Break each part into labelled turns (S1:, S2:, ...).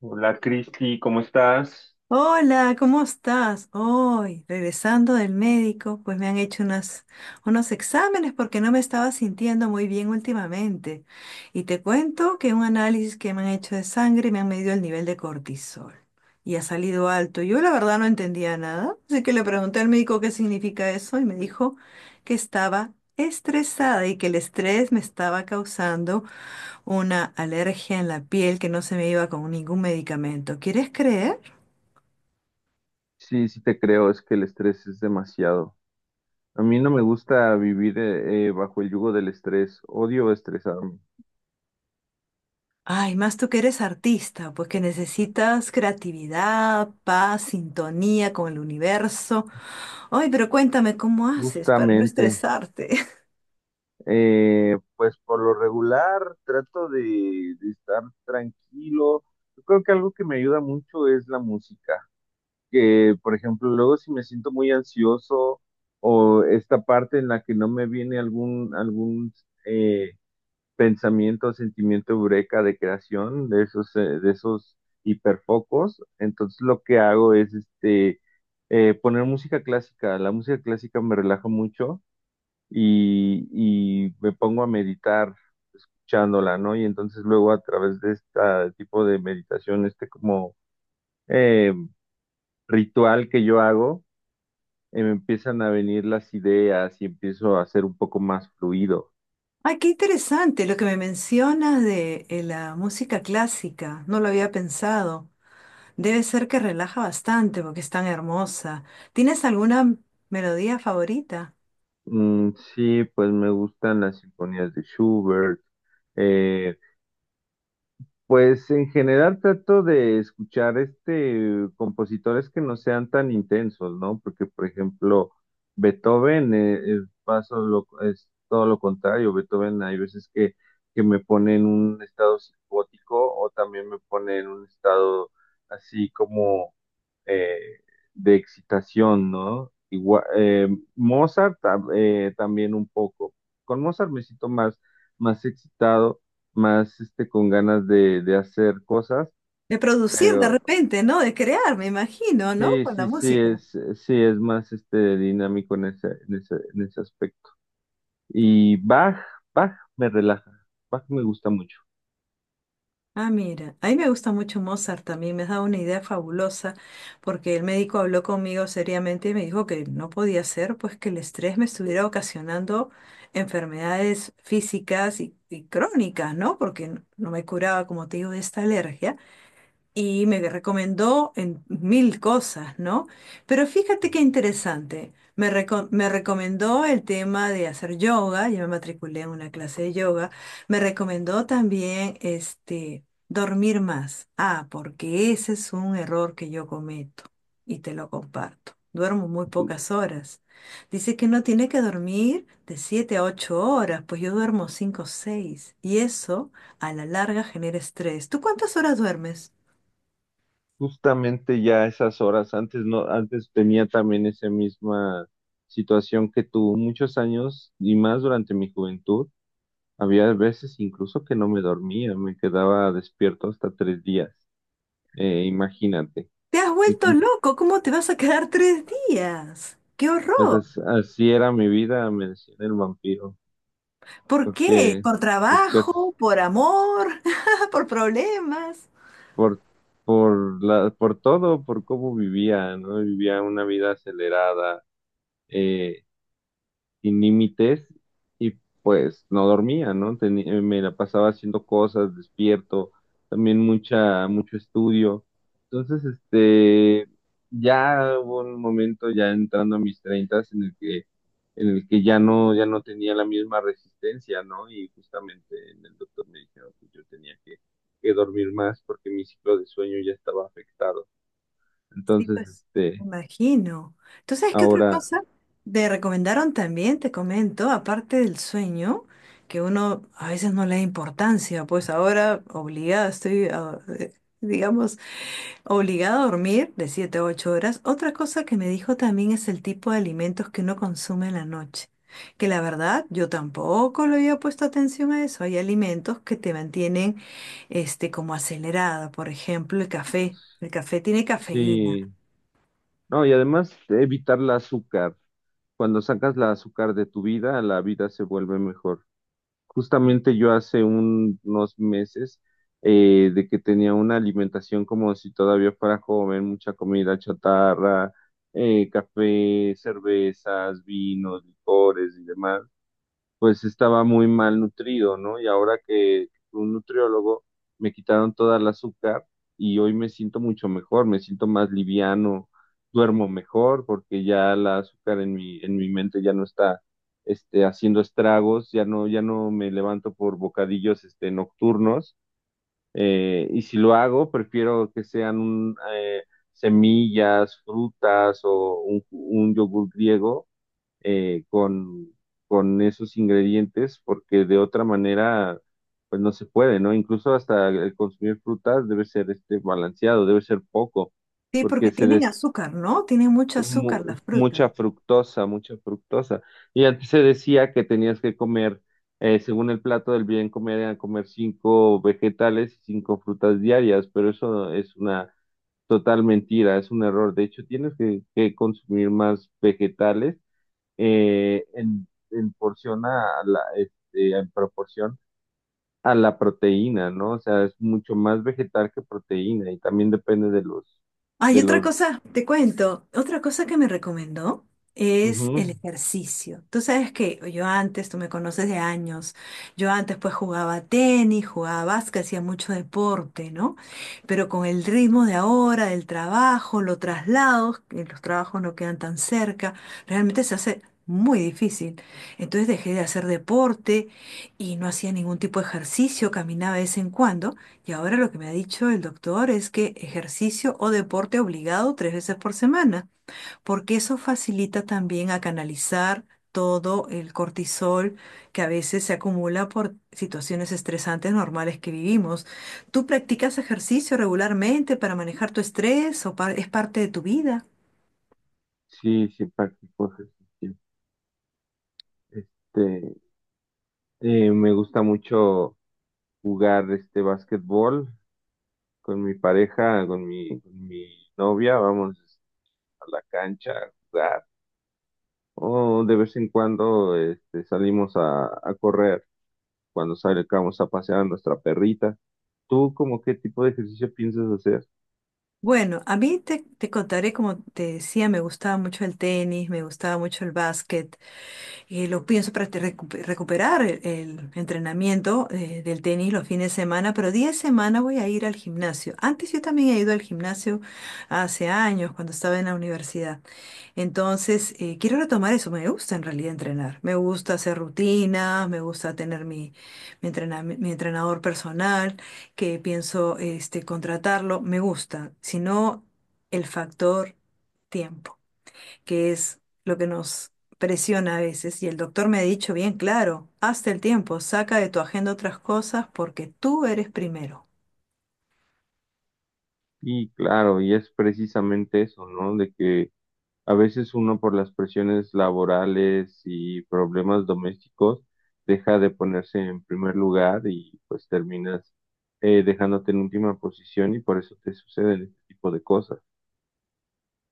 S1: Hola Cristi, ¿cómo estás?
S2: Hola, ¿cómo estás? Hoy, regresando del médico, pues me han hecho unos exámenes porque no me estaba sintiendo muy bien últimamente. Y te cuento que un análisis que me han hecho de sangre me han medido el nivel de cortisol y ha salido alto. Yo la verdad no entendía nada, así que le pregunté al médico qué significa eso y me dijo que estaba estresada y que el estrés me estaba causando una alergia en la piel que no se me iba con ningún medicamento. ¿Quieres creer?
S1: Sí, sí te creo, es que el estrés es demasiado. A mí no me gusta vivir bajo el yugo del estrés, odio estresarme.
S2: Ay, más tú que eres artista, pues que necesitas creatividad, paz, sintonía con el universo. Ay, pero cuéntame cómo haces para no
S1: Justamente,
S2: estresarte.
S1: pues por lo regular trato de estar tranquilo. Yo creo que algo que me ayuda mucho es la música, que por ejemplo luego si me siento muy ansioso o esta parte en la que no me viene algún, algún eh, pensamiento, sentimiento eureka de creación, de esos hiperfocos. Entonces lo que hago es poner música clásica. La música clásica me relaja mucho y me pongo a meditar escuchándola, ¿no? Y entonces luego a través de este tipo de meditación, este como eh, ritual que yo hago, me empiezan a venir las ideas y empiezo a ser un poco más fluido.
S2: Ay, qué interesante lo que me mencionas de la música clásica. No lo había pensado. Debe ser que relaja bastante porque es tan hermosa. ¿Tienes alguna melodía favorita?
S1: Mm, sí, pues me gustan las sinfonías de Schubert. Eh, pues en general trato de escuchar este compositores que no sean tan intensos, ¿no? Porque, por ejemplo, Beethoven es todo lo contrario. Beethoven hay veces que me pone en un estado psicótico o también me pone en un estado así como eh, de excitación, ¿no? Mozart también un poco. Con Mozart me siento más excitado, más este, con ganas de hacer cosas,
S2: De producir de
S1: pero
S2: repente, ¿no? De crear, me imagino, ¿no?
S1: sí,
S2: Con la
S1: sí,
S2: música.
S1: sí, es más este, dinámico en ese aspecto. Y Bach, Bach me relaja, Bach me gusta mucho.
S2: Ah, mira, a mí me gusta mucho Mozart también, me has dado una idea fabulosa, porque el médico habló conmigo seriamente y me dijo que no podía ser, pues que el estrés me estuviera ocasionando enfermedades físicas y crónicas, ¿no? Porque no me curaba, como te digo, de esta alergia y me recomendó en mil cosas, ¿no? Pero fíjate qué interesante. Me recomendó el tema de hacer yoga, yo me matriculé en una clase de yoga. Me recomendó también este, dormir más. Ah, porque ese es un error que yo cometo y te lo comparto. Duermo muy pocas horas. Dice que no tiene que dormir de 7 a 8 horas, pues yo duermo 5 o 6 y eso a la larga genera estrés. ¿Tú cuántas horas duermes?
S1: Justamente ya esas horas, antes no, antes tenía también esa misma situación que tú, muchos años y más durante mi juventud, había veces incluso que no me dormía, me quedaba despierto hasta tres días, imagínate.
S2: Te has vuelto
S1: Entonces,
S2: loco, ¿cómo te vas a quedar 3 días? ¡Qué
S1: pues
S2: horror!
S1: así era mi vida, me decían el vampiro,
S2: ¿Por qué?
S1: porque
S2: ¿Por
S1: pues que es
S2: trabajo? ¿Por amor? ¿Por problemas?
S1: por, por todo, por cómo vivía, ¿no? Vivía una vida acelerada, eh, sin límites y pues no dormía, ¿no? Me la pasaba haciendo cosas, despierto, también mucho estudio. Entonces, ya hubo un momento ya entrando a mis treintas en el que, ya no tenía la misma resistencia, ¿no? Y justamente en el doctor me dijeron que yo tenía que dormir más porque mi ciclo de sueño ya estaba afectado.
S2: Sí,
S1: Entonces,
S2: pues, me imagino. ¿Tú sabes qué otra
S1: ahora
S2: cosa te recomendaron también? Te comento, aparte del sueño, que uno a veces no le da importancia, pues ahora obligada estoy, digamos, obligado a dormir de 7 a 8 horas. Otra cosa que me dijo también es el tipo de alimentos que uno consume en la noche. Que la verdad, yo tampoco le había puesto atención a eso. Hay alimentos que te mantienen este, como acelerada. Por ejemplo, el café. El café tiene cafeína.
S1: sí. No, y además evitar el azúcar. Cuando sacas la azúcar de tu vida, la vida se vuelve mejor. Justamente yo hace unos meses de que tenía una alimentación como si todavía fuera joven, mucha comida chatarra, café, cervezas, vinos, licores y demás, pues estaba muy mal nutrido, ¿no? Y ahora que fui un nutriólogo me quitaron toda el azúcar y hoy me siento mucho mejor, me siento más liviano, duermo mejor porque ya el azúcar en mi mente ya no está haciendo estragos, ya no me levanto por bocadillos nocturnos. Y si lo hago, prefiero que sean semillas, frutas o un yogur griego eh, con, con esos ingredientes, porque de otra manera, pues no se puede, ¿no? Incluso hasta el consumir frutas debe ser este balanceado, debe ser poco,
S2: Sí, porque
S1: porque
S2: tienen azúcar, ¿no? Tienen mucho azúcar las frutas.
S1: mucha fructosa, mucha fructosa. Y antes se decía que tenías que comer, según el plato del bien comer, era comer cinco vegetales y cinco frutas diarias, pero eso es una total mentira, es un error. De hecho, tienes que consumir más vegetales en porción en proporción a la proteína, ¿no? O sea, es mucho más vegetal que proteína y también depende de los,
S2: Hay
S1: de
S2: otra
S1: los,
S2: cosa, te cuento, otra cosa que me recomendó es
S1: Ujú.
S2: el ejercicio. Tú sabes que yo antes, tú me conoces de años, yo antes pues jugaba tenis, jugaba básquet, hacía mucho deporte, ¿no? Pero con el ritmo de ahora, del trabajo, los traslados, que los trabajos no quedan tan cerca, realmente se hace muy difícil. Entonces dejé de hacer deporte y no hacía ningún tipo de ejercicio, caminaba de vez en cuando. Y ahora lo que me ha dicho el doctor es que ejercicio o deporte obligado 3 veces por semana, porque eso facilita también a canalizar todo el cortisol que a veces se acumula por situaciones estresantes normales que vivimos. ¿Tú practicas ejercicio regularmente para manejar tu estrés o es parte de tu vida?
S1: Sí, sí, practico ejercicio. Este, Me gusta mucho jugar básquetbol con mi pareja, con mi novia, vamos a la cancha a jugar. O de vez en cuando salimos a correr. Cuando salgamos a pasear a nuestra perrita. ¿Tú como qué tipo de ejercicio piensas hacer?
S2: Bueno, a mí te contaré, como te decía, me gustaba mucho el tenis, me gustaba mucho el básquet. Lo pienso para te recuperar el entrenamiento del tenis los fines de semana, pero día de semana voy a ir al gimnasio. Antes yo también he ido al gimnasio hace años, cuando estaba en la universidad. Entonces, quiero retomar eso. Me gusta en realidad entrenar. Me gusta hacer rutinas, me gusta tener mi entrenador personal que pienso este, contratarlo, me gusta, sino el factor tiempo, que es lo que nos presiona a veces. Y el doctor me ha dicho bien claro, hazte el tiempo, saca de tu agenda otras cosas porque tú eres primero.
S1: Y claro, y es precisamente eso, ¿no? De que a veces uno por las presiones laborales y problemas domésticos deja de ponerse en primer lugar y pues terminas dejándote en última posición y por eso te suceden este tipo de cosas.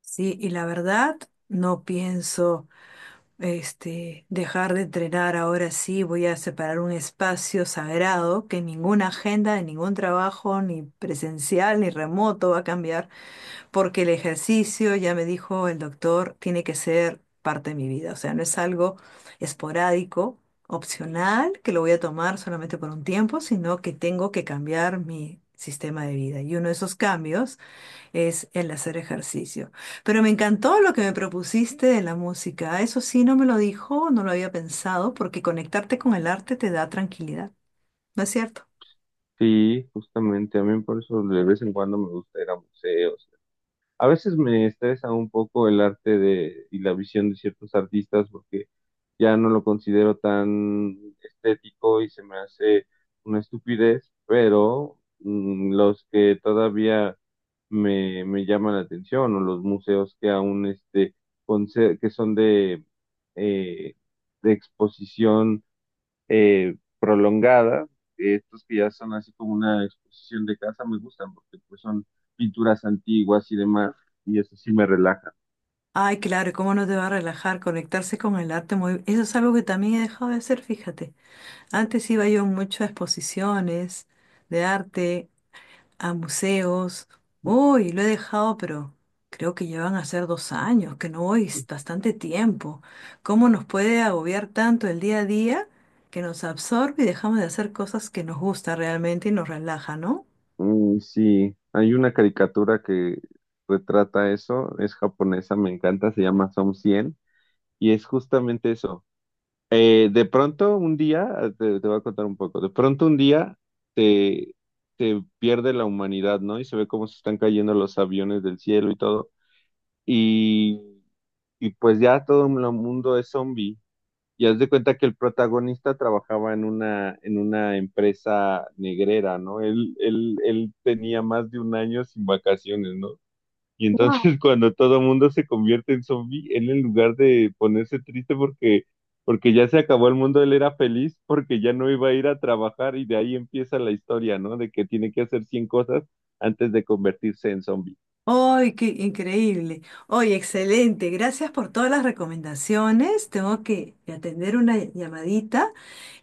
S2: Sí, y la verdad, no pienso este, dejar de entrenar ahora sí, voy a separar un espacio sagrado que ninguna agenda de ningún trabajo, ni presencial ni remoto, va a cambiar porque el ejercicio, ya me dijo el doctor, tiene que ser parte de mi vida, o sea, no es algo esporádico, opcional, que lo voy a tomar solamente por un tiempo, sino que tengo que cambiar mi sistema de vida. Y uno de esos cambios es el hacer ejercicio. Pero me encantó lo que me propusiste de la música. Eso sí, no me lo dijo, no lo había pensado, porque conectarte con el arte te da tranquilidad, ¿no es cierto?
S1: Sí, justamente a mí por eso de vez en cuando me gusta ir a museos. A veces me estresa un poco el arte y la visión de ciertos artistas porque ya no lo considero tan estético y se me hace una estupidez, pero los que todavía me llaman la atención o los museos que aún que son eh, de exposición prolongada. Estos que ya son así como una exposición de casa me gustan porque pues son pinturas antiguas y demás, y eso sí me relaja.
S2: Ay, claro, ¿y ¿cómo no te va a relajar conectarse con el arte? Muy... Eso es algo que también he dejado de hacer, fíjate. Antes iba yo mucho a exposiciones de arte, a museos. Uy, lo he dejado, pero creo que llevan a ser 2 años, que no voy, es bastante tiempo. ¿Cómo nos puede agobiar tanto el día a día que nos absorbe y dejamos de hacer cosas que nos gusta realmente y nos relaja, ¿no?
S1: Mm, sí, hay una caricatura que retrata eso, es japonesa, me encanta, se llama Som 100 y es justamente eso. De pronto un día, te voy a contar un poco, de pronto un día te, te pierde la humanidad, ¿no? Y se ve cómo se están cayendo los aviones del cielo y todo, y, y pues ya todo el mundo es zombie. Y haz de cuenta que el protagonista trabajaba en una empresa negrera, ¿no? Él tenía más de un año sin vacaciones, ¿no? Y entonces cuando todo el mundo se convierte en zombie, él en lugar de ponerse triste porque ya se acabó el mundo, él era feliz porque ya no iba a ir a trabajar y de ahí empieza la historia, ¿no? De que tiene que hacer 100 cosas antes de convertirse en zombie.
S2: ¡Ay, qué increíble! ¡Ay, excelente! Gracias por todas las recomendaciones. Tengo que atender una llamadita.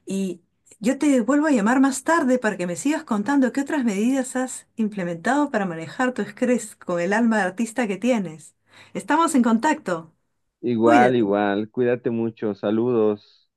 S2: Y yo te vuelvo a llamar más tarde para que me sigas contando qué otras medidas has implementado para manejar tu estrés con el alma de artista que tienes. Estamos en contacto.
S1: Igual,
S2: Cuídate.
S1: igual, cuídate mucho, saludos.